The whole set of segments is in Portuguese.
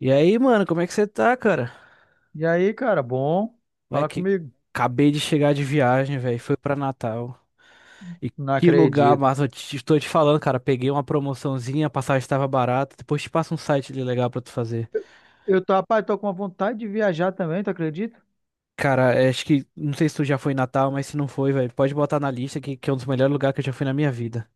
E aí, mano, como é que você tá, cara? E aí, cara, bom Como é falar que comigo. acabei de chegar de viagem, velho. Foi pra Natal. E Não que lugar, acredito. mas estou te falando, cara. Peguei uma promoçãozinha, a passagem estava barata. Depois te passo um site ali legal pra tu fazer. Eu tô, rapaz, tô com uma vontade de viajar também, tu acredita? Cara, é, acho que não sei se tu já foi em Natal, mas se não foi, velho, pode botar na lista que é um dos melhores lugares que eu já fui na minha vida.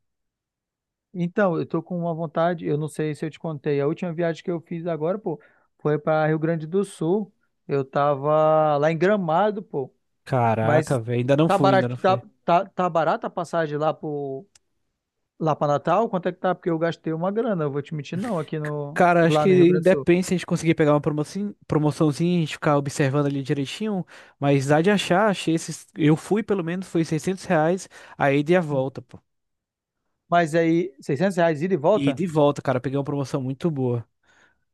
Então, eu tô com uma vontade, eu não sei se eu te contei, a última viagem que eu fiz agora, pô, foi para Rio Grande do Sul. Eu tava lá em Gramado, pô, Caraca, mas velho, ainda não tá fui, ainda não barato, tá, fui. tá, tá barata a passagem lá lá para Natal? Quanto é que tá? Porque eu gastei uma grana, eu vou te mentir, não, aqui no, Cara, acho lá no Rio que Grande do Sul. depende se a gente conseguir pegar uma promoção, promoçãozinha, a gente ficar observando ali direitinho, mas dá de achar, achei esses, eu fui pelo menos, foi R$ 600 a ida e a volta, pô. Mas aí, R$ 600 ida e E volta? de volta, cara, peguei uma promoção muito boa.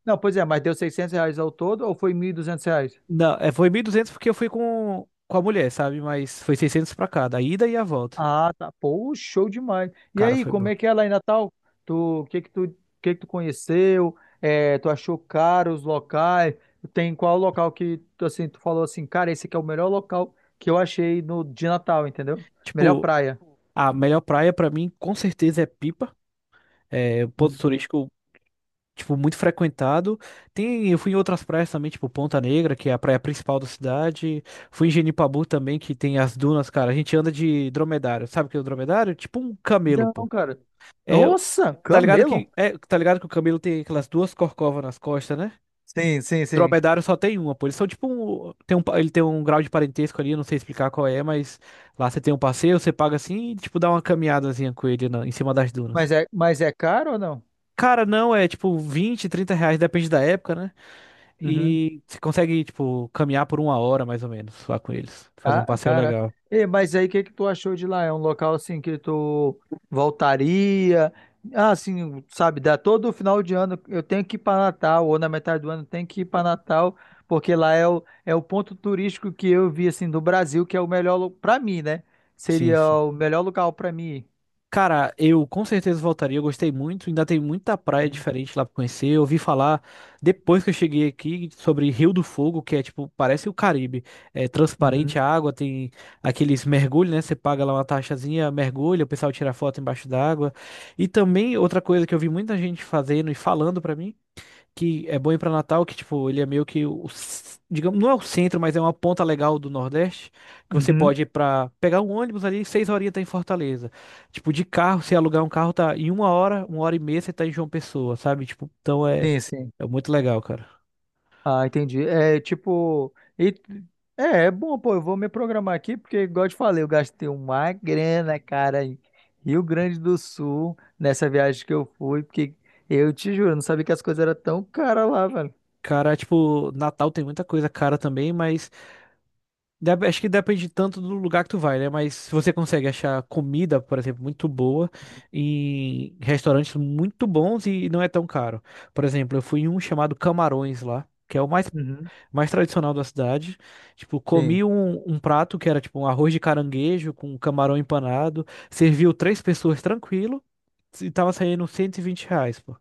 Não, pois é, mas deu R$ 600 ao todo ou foi R$ 1.200? Não, é, foi 1.200 porque eu fui com a mulher, sabe? Mas foi 600 pra cada, a ida e a volta. Ah, tá. Pô, show demais. E Cara, aí, foi como bom. é que é lá em Natal? Tu, o que que tu, o que que tu conheceu? É, tu achou caro os locais? Tem qual local que tu, assim, tu falou assim, cara, esse aqui é o melhor local que eu achei no de Natal, entendeu? Melhor Tipo, praia. a melhor praia pra mim, com certeza, é Pipa. É um ponto Uhum. turístico tipo, muito frequentado. Tem, eu fui em outras praias também, tipo Ponta Negra, que é a praia principal da cidade. Fui em Genipabu também, que tem as dunas, cara. A gente anda de dromedário. Sabe o que é o dromedário? Tipo um camelo, Não, pô. cara. É, Nossa, camelo? Tá ligado que o camelo tem aquelas duas corcovas nas costas, né? Sim, sim, sim. Dromedário só tem uma, pô. Eles são tipo um, ele tem um grau de parentesco ali, eu não sei explicar qual é, mas lá você tem um passeio, você paga assim e tipo dá uma caminhadazinha com ele em cima das dunas. Mas é caro ou não? Cara, não, é tipo 20 30 reais, depende da época, né? Uhum. E você consegue, tipo, caminhar por uma hora mais ou menos lá com eles. Fazer um passeio Caraca. legal. E, mas aí, o que que tu achou de lá? É um local assim que tu voltaria? Ah, assim, sabe, dá todo final de ano eu tenho que ir para Natal, ou na metade do ano eu tenho que ir para Natal, porque lá é o ponto turístico que eu vi assim do Brasil, que é o melhor para mim, né? Sim, Seria sim. o melhor lugar para mim. Cara, eu com certeza voltaria. Eu gostei muito. Ainda tem muita praia Uhum. diferente lá pra conhecer. Eu ouvi falar, depois que eu cheguei aqui, sobre Rio do Fogo, que é tipo, parece o Caribe. É transparente Uhum. a água, tem aqueles mergulhos, né? Você paga lá uma taxazinha, mergulha, o pessoal tira foto embaixo d'água. E também outra coisa que eu vi muita gente fazendo e falando pra mim. Que é bom ir pra Natal, que tipo, ele é meio que digamos, não é o centro, mas é uma ponta legal do Nordeste, que você Uhum. pode ir pra pegar um ônibus ali, 6 horinhas tá em Fortaleza. Tipo, de carro, se alugar um carro, tá em uma hora e meia você tá em João Pessoa, sabe? Tipo, então é, Sim, sim. é muito legal, cara. Ah, entendi. É tipo. e- é bom, pô. Eu vou me programar aqui, porque, igual eu te falei, eu gastei uma grana, cara, em Rio Grande do Sul, nessa viagem que eu fui, porque eu te juro, eu não sabia que as coisas eram tão caras lá, velho. Cara, tipo, Natal tem muita coisa cara também, mas acho que depende tanto do lugar que tu vai, né? Mas se você consegue achar comida, por exemplo, muito boa em restaurantes muito bons e não é tão caro. Por exemplo, eu fui em um chamado Camarões lá, que é o mais, Uhum. mais tradicional da cidade. Tipo, Sim. comi um prato que era tipo um arroz de caranguejo com camarão empanado, serviu três pessoas tranquilo e tava saindo R$ 120, pô.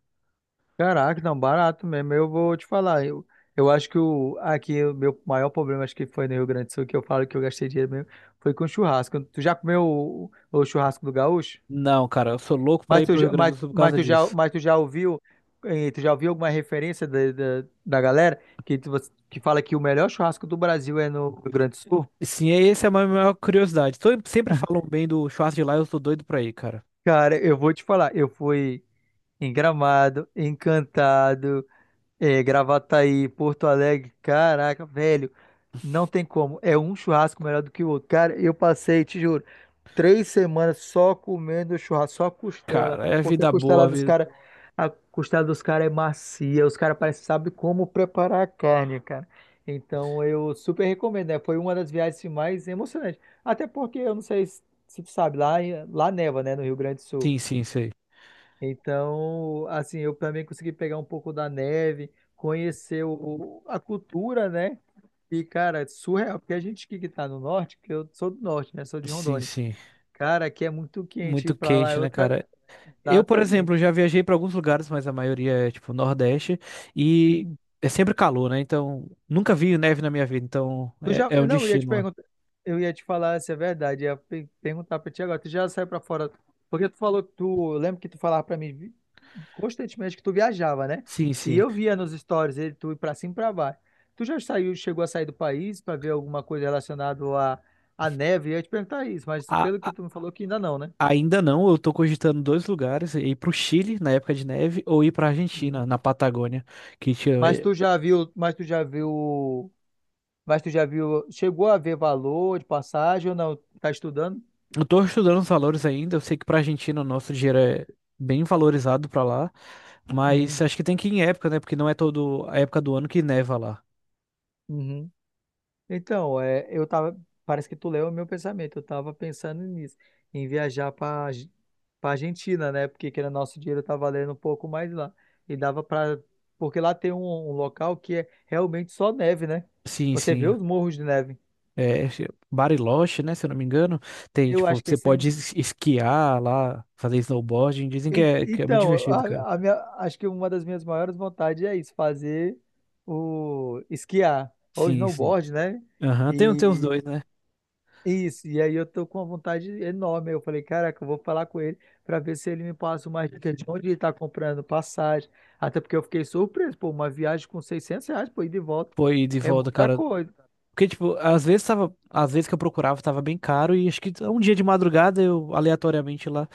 Caraca, não, barato mesmo. Eu vou te falar. Eu acho aqui o meu maior problema, acho que foi no Rio Grande do Sul, que eu falo que eu gastei dinheiro mesmo, foi com churrasco. Tu já comeu o churrasco do Gaúcho? Não, cara, eu sou louco pra Mas ir tu pro Rio já, Grande mas, do Sul por mas causa tu já, disso. mas ouviu alguma referência da galera que fala que o melhor churrasco do Brasil é no Rio Grande do Sul? Sim, essa é a minha maior curiosidade. Sempre falam bem do Schwarz de lá, eu tô doido pra ir, cara. Cara, eu vou te falar, eu fui em Gramado, Encantado, Gravataí, Porto Alegre, caraca, velho, não tem como, é um churrasco melhor do que o outro. Cara, eu passei, te juro, 3 semanas só comendo churrasco, só costela, Cara, cara. é Porque vida costela boa, dos vida... caras, a costela dos caras é macia, os caras parecem sabe como preparar a carne, cara. Então eu super recomendo, né? Foi uma das viagens mais emocionantes. Até porque eu não sei se tu sabe, lá, lá neva, né, no Rio Grande do Sul. Sim, sim, sei. Então, assim, eu também consegui pegar um pouco da neve, conhecer a cultura, né? E, cara, é surreal, porque a gente que tá no norte, que eu sou do norte, né? Sou de Sim, Rondônia. sim. Cara, aqui é muito quente, ir Muito pra lá é quente, né, outra. cara? Eu, por exemplo, Exatamente. já viajei pra alguns lugares, mas a maioria é, tipo, Nordeste. E Uhum. é sempre calor, né? Então, nunca vi neve na minha vida. Então, Tu já. é um Não, eu ia te destino lá. perguntar. Eu ia te falar se é verdade. Ia perguntar pra ti agora. Tu já saiu pra fora. Porque tu falou que tu. Lembra que tu falava pra mim constantemente que tu viajava, né? Sim, E sim. eu via nos stories ele, tu ir pra cima e pra baixo. Tu já saiu, chegou a sair do país pra ver alguma coisa relacionada à neve? Eu ia te perguntar isso, mas pelo A- que tu me falou que ainda não, né? ainda não, eu tô cogitando dois lugares. Ir pro Chile, na época de neve, ou ir pra Uhum. Argentina, na Patagônia. Que tinha. Mas tu já viu. Mas tu já viu. Mas tu já viu, chegou a ver valor de passagem ou não? Tá estudando? Eu tô estudando os valores ainda. Eu sei que pra Argentina o nosso dinheiro é bem valorizado pra lá, mas Uhum, acho que tem que ir em época, né? Porque não é toda a época do ano que neva lá. uhum. Então, é, parece que tu leu o meu pensamento. Eu tava pensando nisso, em viajar para Argentina, né? Porque que era nosso dinheiro tá valendo um pouco mais lá. E dava para, porque lá tem um local que é realmente só neve, né? Sim, Você vê sim. os morros de neve. É, acho que Bariloche, né? Se eu não me engano, tem, Eu tipo, acho que você esse, é, pode esquiar lá, fazer snowboarding. Dizem que é, que é muito então, divertido, cara. a, minha, acho que uma das minhas maiores vontades é isso, fazer o esquiar, ou Sim, sim. snowboard, né? Aham. Tem os E dois, né? isso, e aí eu tô com uma vontade enorme. Eu falei, caraca, eu vou falar com ele para ver se ele me passa uma dica de onde ele tá comprando passagem. Até porque eu fiquei surpreso, pô, uma viagem com R$ 600, pô, ida e volta, Pô, e de é volta, muita cara. coisa. Porque, tipo, às vezes que eu procurava, tava bem caro e acho que um dia de madrugada eu aleatoriamente lá.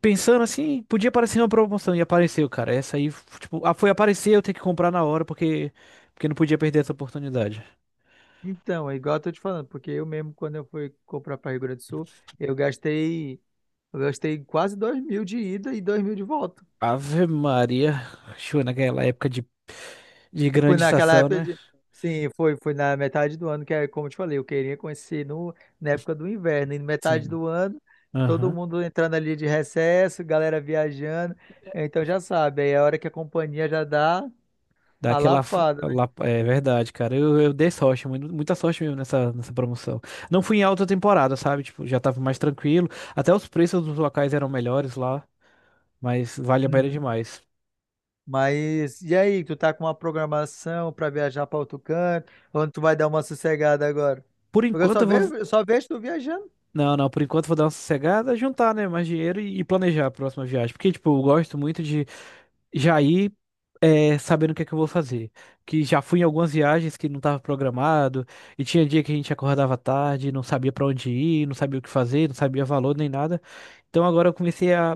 Pensando assim, podia aparecer uma promoção e apareceu, cara. Essa aí, tipo, ah, foi aparecer, eu tenho que comprar na hora porque não podia perder essa oportunidade. Então, é igual eu tô te falando, porque eu mesmo, quando eu fui comprar para Rio Grande do Sul, eu gastei, eu gastei quase 2 mil de ida e 2 mil de volta. Ave Maria, show naquela época de Foi grande naquela estação, época né? de. Sim, foi na metade do ano, que é como eu te falei, eu queria conhecer no, na época do inverno. E na metade Sim. do ano, todo Aham. mundo entrando ali de recesso, galera viajando. Então já sabe, aí é a hora que a companhia já dá a Daquela lapada, né? lá, é verdade, cara. Eu dei sorte, muita sorte mesmo nessa promoção. Não fui em alta temporada, sabe? Tipo, já tava mais tranquilo. Até os preços dos locais eram melhores lá, mas vale a pena Uhum. demais. Mas e aí, tu tá com uma programação pra viajar pra outro canto? Onde tu vai dar uma sossegada agora? Por Porque eu enquanto, só eu vou. vejo, eu só vejo tu viajando. Não, não, por enquanto vou dar uma sossegada, juntar, né, mais dinheiro e planejar a próxima viagem. Porque, tipo, eu gosto muito de já ir sabendo o que é que eu vou fazer. Que já fui em algumas viagens que não estava programado, e tinha dia que a gente acordava tarde, não sabia pra onde ir, não sabia o que fazer, não sabia valor nem nada. Então agora eu comecei a,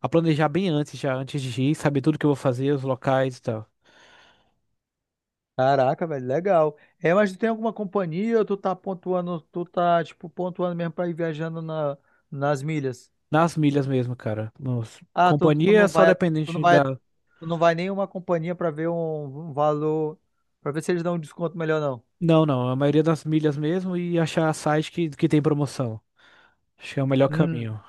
a planejar bem antes, já antes de ir, saber tudo que eu vou fazer, os locais e tal. Caraca, velho, legal. É, mas tu tem alguma companhia ou tu tá pontuando, tu tá, tipo, pontuando mesmo pra ir viajando nas milhas? Nas milhas mesmo, cara. Ah, Companhia é só dependente da. tu não vai nenhuma companhia pra ver um valor, pra ver se eles dão um desconto melhor, não. Não, não, a maioria das milhas mesmo e achar site que tem promoção. Acho que é o melhor Hum. caminho.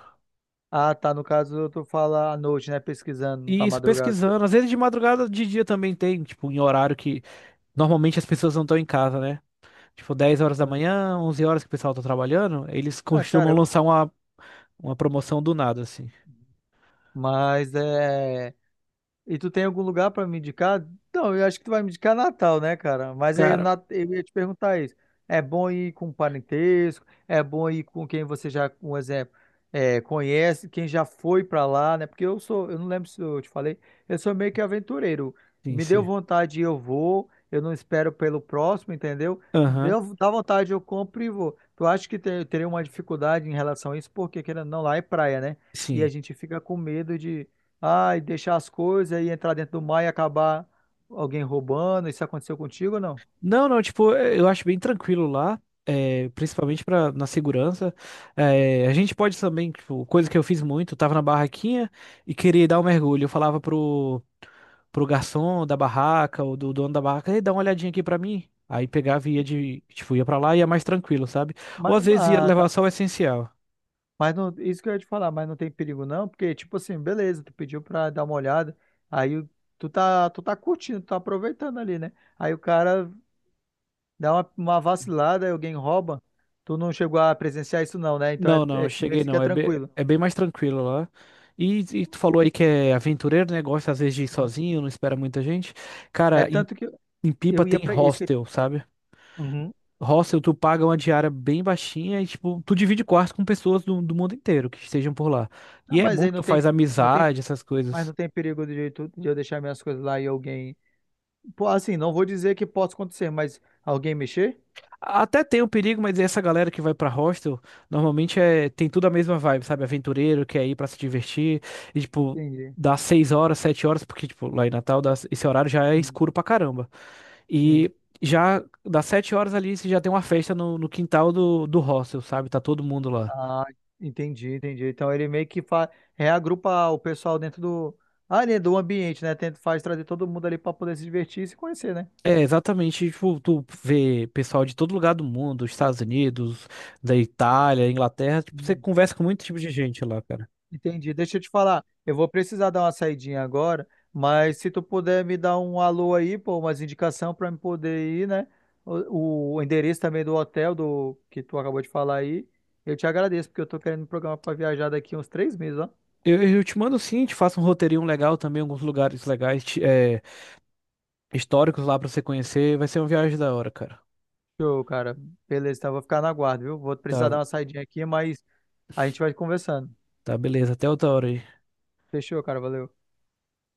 Ah, tá, no caso tu fala à noite, né, pesquisando, E tá isso madrugada. pesquisando, às vezes de madrugada, de dia também tem, tipo, em horário que normalmente as pessoas não estão em casa, né? Tipo, 10 horas da Hum. manhã, 11 horas que o pessoal tá trabalhando, eles Ah, cara, costumam lançar uma promoção do nada, assim. mas é. E tu tem algum lugar pra me indicar? Não, eu acho que tu vai me indicar Natal, né, cara? Mas aí Cara, eu ia te perguntar isso. É bom ir com parentesco? É bom ir com quem você já, um exemplo, é, conhece, quem já foi pra lá, né? Porque eu sou, eu não lembro se eu te falei, eu sou meio que aventureiro. sim, Me deu sim. vontade, eu vou. Eu não espero pelo próximo, entendeu? Aham, Dá vontade, eu compro e vou. Tu acha que teria uma dificuldade em relação a isso? Porque querendo ou não, lá é praia, né? E a sim. gente fica com medo de e deixar as coisas e entrar dentro do mar e acabar alguém roubando? Isso aconteceu contigo ou não? Não, não, tipo, eu acho bem tranquilo lá, principalmente na segurança. É, a gente pode também, tipo, coisa que eu fiz muito, eu tava na barraquinha e queria dar um mergulho. Eu falava pro garçom da barraca ou do dono da barraca, Ei, dá uma olhadinha aqui pra mim. Aí pegava e tipo, ia pra lá e ia mais tranquilo, sabe? Ou Mas, às vezes ia ah, tá. levar só o essencial. Mas não, isso que eu ia te falar, mas não tem perigo não, porque tipo assim, beleza, tu pediu pra dar uma olhada, aí o- tu tá, curtindo, tu tá aproveitando ali, né? Aí o cara dá uma vacilada, aí alguém rouba, tu não chegou a presenciar isso não, né? Então é, Não, não, é cheguei mesmo que é não. É bem, tranquilo. é bem mais tranquilo lá. E tu falou aí que é aventureiro, né? Gosta às vezes de ir Uhum. sozinho, não espera muita gente. É Cara, em, tanto que em Pipa eu ia tem pra isso que. hostel, sabe? Uhum. Hostel, tu paga uma diária bem baixinha e, tipo, tu divide quarto com pessoas do mundo inteiro que estejam por lá. Não, E é mas bom aí que tu faz não tem, amizade, essas mas coisas. não tem perigo de eu deixar minhas coisas lá e alguém. Pô, assim, não vou dizer que possa acontecer, mas alguém mexer? Até tem um perigo, mas essa galera que vai pra hostel, normalmente tem tudo a mesma vibe, sabe? Aventureiro, quer ir pra se divertir, e tipo, Entendi. dá 6 horas, 7 horas, porque tipo, lá em Natal, esse horário já é Hum, escuro pra caramba. Sim. E já das 7 horas ali, você já tem uma festa no quintal do hostel, sabe? Tá todo mundo lá. Ah, entendi, entendi. Então ele meio que reagrupa o pessoal dentro do ali do ambiente, né? Tenta faz trazer todo mundo ali para poder se divertir e se conhecer, né? É, exatamente, tipo, tu vê pessoal de todo lugar do mundo, Estados Unidos, da Itália, Inglaterra, tipo, você Hum. conversa com muito tipo de gente lá, cara. Entendi. Deixa eu te falar, eu vou precisar dar uma saidinha agora, mas se tu puder me dar um alô aí, pô, umas indicação para me poder ir, né? O endereço também do hotel do que tu acabou de falar aí, eu te agradeço porque eu tô querendo me programar para viajar daqui uns 3 meses, ó. Eu te mando sim, te faço um roteirinho legal também, alguns lugares legais, históricos lá pra você conhecer. Vai ser uma viagem da hora, cara. Show, cara. Beleza, então eu vou ficar na guarda, viu? Vou Tá, precisar dar uma saidinha aqui, mas a gente vai conversando. tá, beleza. Até outra hora aí. Fechou, cara. Valeu.